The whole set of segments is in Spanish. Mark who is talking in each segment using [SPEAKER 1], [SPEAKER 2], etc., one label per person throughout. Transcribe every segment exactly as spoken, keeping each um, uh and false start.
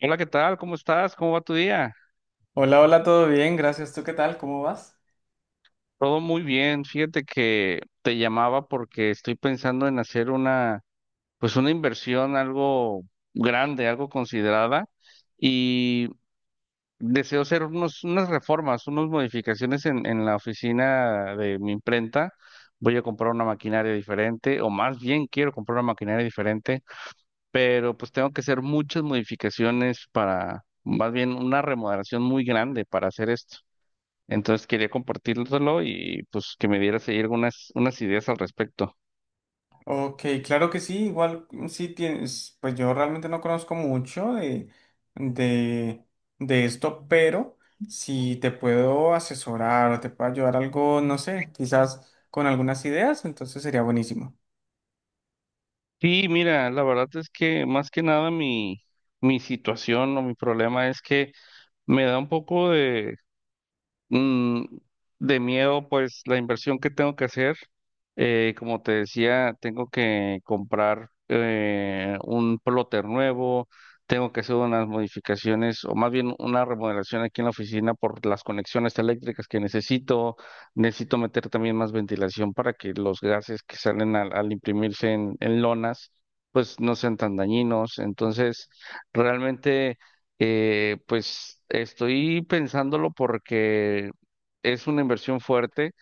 [SPEAKER 1] Hola, ¿qué tal? ¿Cómo estás? ¿Cómo va tu día?
[SPEAKER 2] Hola, hola, todo bien, gracias. ¿Tú qué tal? ¿Cómo vas?
[SPEAKER 1] Todo muy bien. Fíjate que te llamaba porque estoy pensando en hacer una, pues una inversión algo grande, algo considerada y deseo hacer unos, unas reformas, unas modificaciones en, en la oficina de mi imprenta. Voy a comprar una maquinaria diferente, o más bien quiero comprar una maquinaria diferente, pero pues tengo que hacer muchas modificaciones para, más bien una remodelación muy grande para hacer esto. Entonces quería compartirlo y pues que me dieras ahí algunas unas ideas al respecto.
[SPEAKER 2] Ok, claro que sí, igual mm, sí tienes, pues yo realmente no conozco mucho de, de, de esto, pero si te puedo asesorar o te puedo ayudar algo, no sé, quizás con algunas ideas, entonces sería buenísimo.
[SPEAKER 1] Sí, mira, la verdad es que más que nada mi, mi situación o mi problema es que me da un poco Mm, de miedo, pues la inversión que tengo que hacer. Eh, como te decía, tengo que comprar eh, un plotter nuevo, tengo que hacer unas modificaciones o más bien una remodelación aquí en la oficina por las conexiones eléctricas que necesito. Necesito meter también más ventilación para que los gases que salen al, al imprimirse en, en lonas pues no sean tan dañinos. Entonces, realmente... Eh, pues estoy pensándolo porque es una inversión fuerte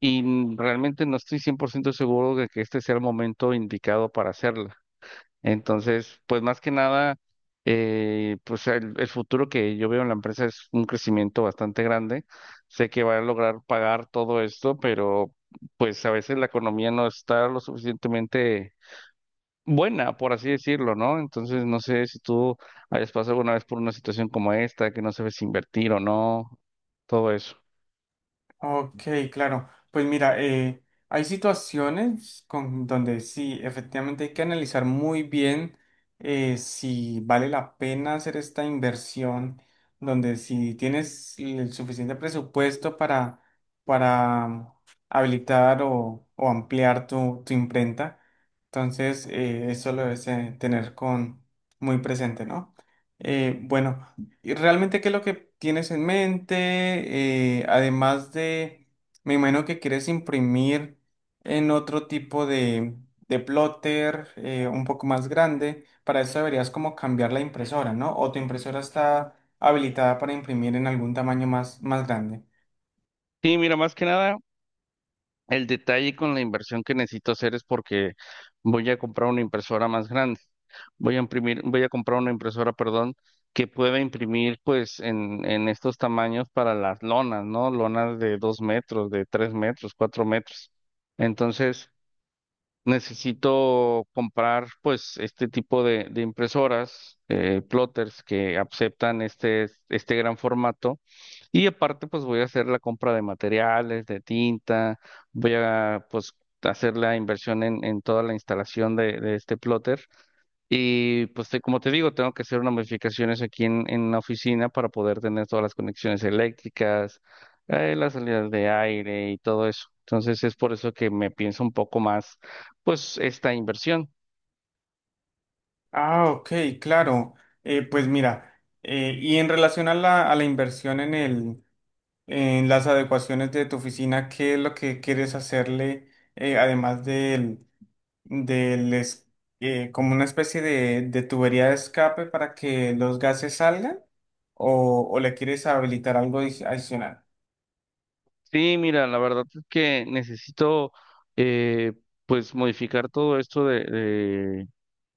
[SPEAKER 1] y n- realmente no estoy cien por ciento seguro de que este sea el momento indicado para hacerla. Entonces, pues más que nada, eh, pues el, el futuro que yo veo en la empresa es un crecimiento bastante grande. Sé que va a lograr pagar todo esto, pero pues a veces la economía no está lo suficientemente buena, por así decirlo, ¿no? Entonces, no sé si tú hayas pasado alguna vez por una situación como esta, que no sabes si invertir o no, todo eso.
[SPEAKER 2] Ok, claro. Pues mira, eh, hay situaciones con, donde sí, efectivamente hay que analizar muy bien eh, si vale la pena hacer esta inversión, donde si tienes el suficiente presupuesto para, para habilitar o, o ampliar tu, tu imprenta. Entonces, eh, eso lo debes eh, tener con, muy presente, ¿no? Eh, bueno. ¿Y realmente qué es lo que tienes en mente? Eh, además de, me imagino que quieres imprimir en otro tipo de, de plotter eh, un poco más grande. Para eso deberías como cambiar la impresora, ¿no? O tu impresora está habilitada para imprimir en algún tamaño más, más grande.
[SPEAKER 1] Sí, mira, más que nada, el detalle con la inversión que necesito hacer es porque voy a comprar una impresora más grande. Voy a imprimir, voy a comprar una impresora, perdón, que pueda imprimir pues en, en estos tamaños para las lonas, ¿no? Lonas de dos metros, de tres metros, cuatro metros. Entonces, necesito comprar pues este tipo de, de impresoras, eh, plotters que aceptan este, este gran formato, y aparte pues voy a hacer la compra de materiales, de tinta. Voy a pues hacer la inversión en, en toda la instalación de, de este plotter y pues te- como te digo, tengo que hacer unas modificaciones aquí en, en la oficina para poder tener todas las conexiones eléctricas, eh, las salidas de aire y todo eso. Entonces es por eso que me pienso un poco más, pues, esta inversión.
[SPEAKER 2] Ah, ok, claro. Eh, pues mira, eh, y en relación a la, a la inversión en el, en las adecuaciones de tu oficina, ¿qué es lo que quieres hacerle, eh, además del del es- eh, como una especie de, de tubería de escape para que los gases salgan o, o le quieres habilitar algo adici- adicional?
[SPEAKER 1] Sí, mira, la verdad es que necesito, eh, pues, modificar todo esto de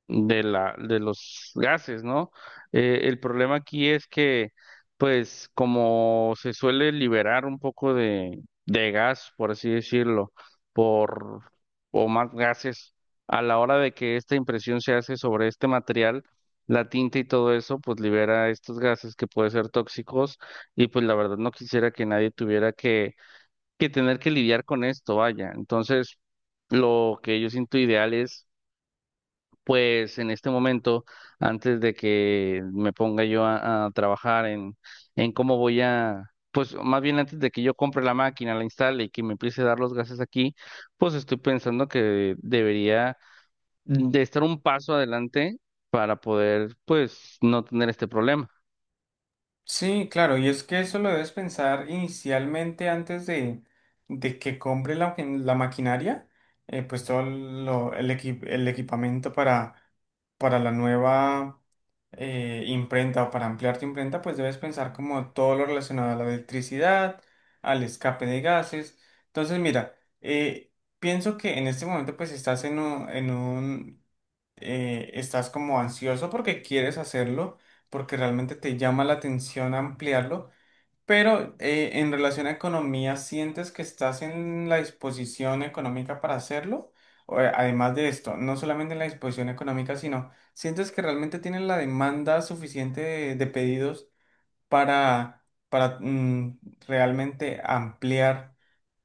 [SPEAKER 1] de la, de los gases, ¿no? Eh, el problema aquí es que, pues, como se suele liberar un poco de, de gas, por así decirlo, por, o más gases, a la hora de que esta impresión se hace sobre este material, la tinta y todo eso, pues libera estos gases que pueden ser tóxicos, y pues la verdad no quisiera que nadie tuviera que, que tener que lidiar con esto, vaya. Entonces, lo que yo siento ideal es pues en este momento, antes de que me ponga yo a, a trabajar en, en cómo voy a, pues más bien antes de que yo compre la máquina, la instale y que me empiece a dar los gases aquí, pues estoy pensando que debería de estar un paso adelante para poder, pues, no tener este problema.
[SPEAKER 2] Sí, claro, y es que eso lo debes pensar inicialmente antes de, de que compre la, la maquinaria, eh, pues todo lo- el, equi- el equipamiento para, para la nueva eh, imprenta o para ampliar tu imprenta, pues debes pensar como todo lo relacionado a la electricidad, al escape de gases. Entonces, mira, eh, pienso que en este momento pues estás en un, en un eh, estás como ansioso porque quieres hacerlo, porque realmente te llama la atención ampliarlo, pero eh, en relación a economía, ¿sientes que estás en la disposición económica para hacerlo? O, eh, además de esto, no solamente en la disposición económica, sino ¿sientes que realmente tienes la demanda suficiente de, de pedidos para, para mm, realmente ampliar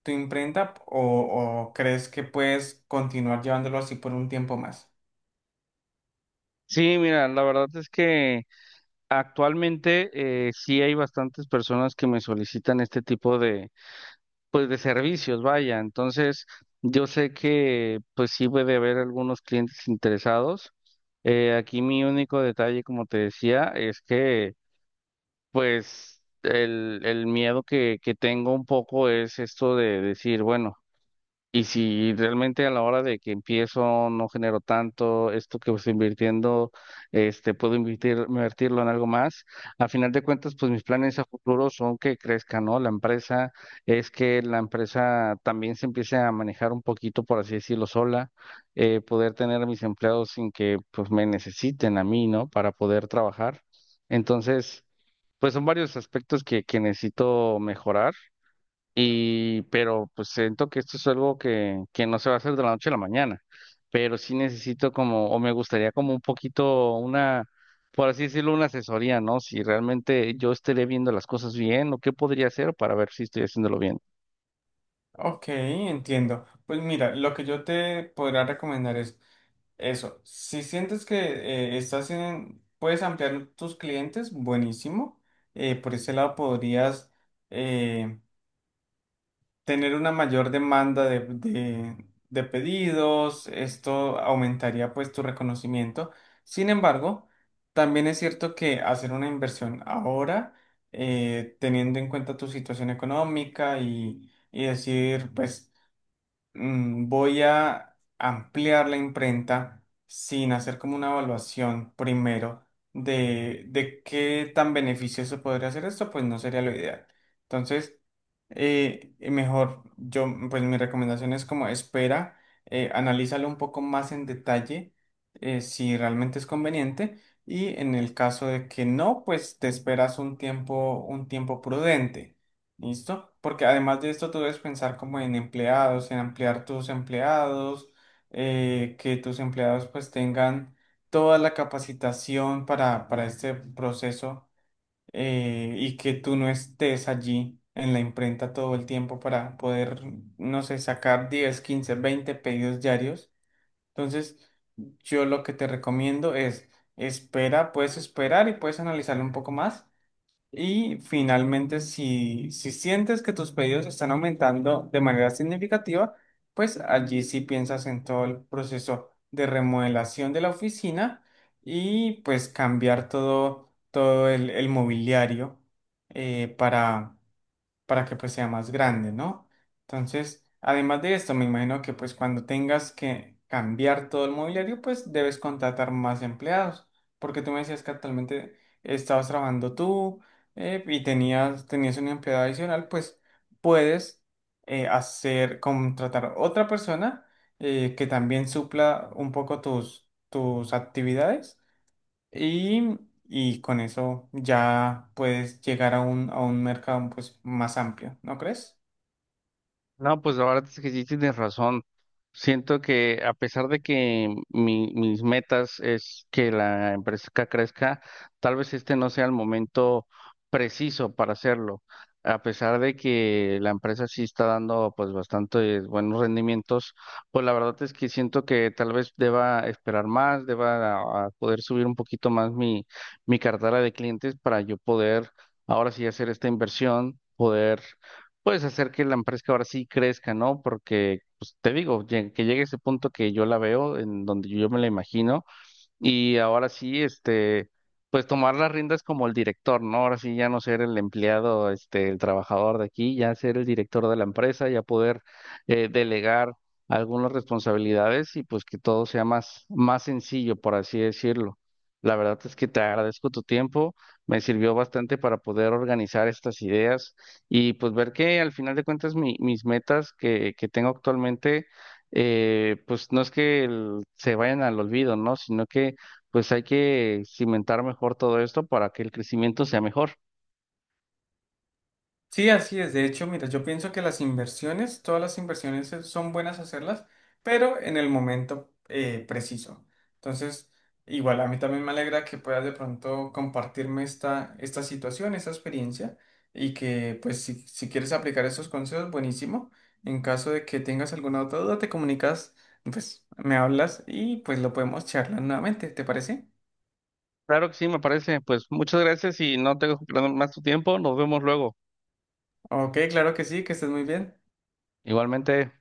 [SPEAKER 2] tu imprenta o o crees que puedes continuar llevándolo así por un tiempo más?
[SPEAKER 1] Sí, mira, la verdad es que actualmente eh, sí hay bastantes personas que me solicitan este tipo de pues de servicios, vaya. Entonces, yo sé que pues sí puede haber algunos clientes interesados. Eh, aquí mi único detalle, como te decía, es que pues el, el miedo que, que tengo un poco es esto de decir, bueno, y si realmente a la hora de que empiezo no genero tanto, esto que estoy invirtiendo, este, puedo invertir, invertirlo en algo más. A final de cuentas, pues mis planes a futuro son que crezca, ¿no? La empresa es que la empresa también se empiece a manejar un poquito, por así decirlo, sola. Eh, poder tener a mis empleados sin que pues me necesiten a mí, ¿no? Para poder trabajar. Entonces, pues son varios aspectos que, que necesito mejorar. Y pero pues siento que esto es algo que, que no se va a hacer de la noche a la mañana, pero sí necesito como, o me gustaría como un poquito una, por así decirlo, una asesoría, ¿no? Si realmente yo estaré viendo las cosas bien o qué podría hacer para ver si estoy haciéndolo bien.
[SPEAKER 2] Ok, entiendo. Pues mira, lo que yo te podría recomendar es eso. Si sientes que eh, estás en, puedes ampliar tus clientes, buenísimo. Eh, por ese lado podrías eh, tener una mayor demanda de, de- de pedidos. Esto aumentaría pues tu reconocimiento. Sin embargo, también es cierto que hacer una inversión ahora, eh, teniendo en cuenta tu situación económica y y decir, pues mm, voy a ampliar la imprenta sin hacer como una evaluación primero de, de qué tan beneficioso podría ser esto, pues no sería lo ideal. Entonces, eh, mejor, yo, pues mi recomendación es como espera, eh, analízalo un poco más en detalle, eh, si realmente es conveniente. Y en el caso de que no, pues te esperas un tiempo, un tiempo prudente. ¿Listo? Porque además de esto, tú debes pensar como en empleados, en ampliar tus empleados, eh, que tus empleados pues tengan toda la capacitación para, para este proceso eh, y que tú no estés allí en la imprenta todo el tiempo para poder, no sé, sacar diez, quince, veinte pedidos diarios. Entonces, yo lo que te recomiendo es espera, puedes esperar y puedes analizarlo un poco más y finalmente, si, si sientes que tus pedidos están aumentando de manera significativa, pues allí sí piensas en todo el proceso de remodelación de la oficina y pues cambiar todo, todo el, el mobiliario eh, para para que pues sea más grande, ¿no? Entonces, además de esto, me imagino que pues cuando tengas que cambiar todo el mobiliario, pues debes contratar más empleados, porque tú me decías que actualmente estabas trabajando tú eh, y tenías, tenías un empleado adicional, pues puedes eh, hacer, contratar otra persona eh, que también supla un poco tus, tus actividades y, y con eso ya puedes llegar a un, a un mercado pues, más amplio, ¿no crees?
[SPEAKER 1] No, pues la verdad es que sí tienes razón. Siento que a pesar de que mi- mis metas es que la empresa crezca, tal vez este no sea el momento preciso para hacerlo. A pesar de que la empresa sí está dando pues bastantes buenos rendimientos, pues la verdad es que siento que tal vez deba esperar más, deba a- a poder subir un poquito más mi, mi cartera de clientes para yo poder ahora sí hacer esta inversión, poder puedes hacer que la empresa ahora sí crezca, ¿no? Porque, pues te digo, lleg- que llegue ese punto que yo la veo, en donde yo me la imagino. Y ahora sí, este, pues tomar las riendas como el director, ¿no? Ahora sí ya no ser el empleado, este, el trabajador de aquí, ya ser el director de la empresa, ya poder eh, delegar algunas responsabilidades y pues que todo sea más, más sencillo, por así decirlo. La verdad es que te agradezco tu tiempo, me sirvió bastante para poder organizar estas ideas y pues ver que al final de cuentas mi- mis metas que, que tengo actualmente eh, pues no es que el- se vayan al olvido, ¿no? Sino que pues hay que cimentar mejor todo esto para que el crecimiento sea mejor.
[SPEAKER 2] Sí, así es. De hecho, mira, yo pienso que las inversiones, todas las inversiones eh, son buenas hacerlas, pero en el momento eh, preciso. Entonces, igual a mí también me alegra que puedas de pronto compartirme esta, esta situación, esta experiencia, y que pues si, si quieres aplicar esos consejos, buenísimo. En caso de que tengas alguna otra duda, te comunicas, pues me hablas y pues lo podemos charlar nuevamente, ¿te parece?
[SPEAKER 1] Claro que sí, me parece. Pues muchas gracias y no tengo más tu tiempo. Nos vemos luego.
[SPEAKER 2] Ok, claro que sí, que estés muy bien.
[SPEAKER 1] Igualmente.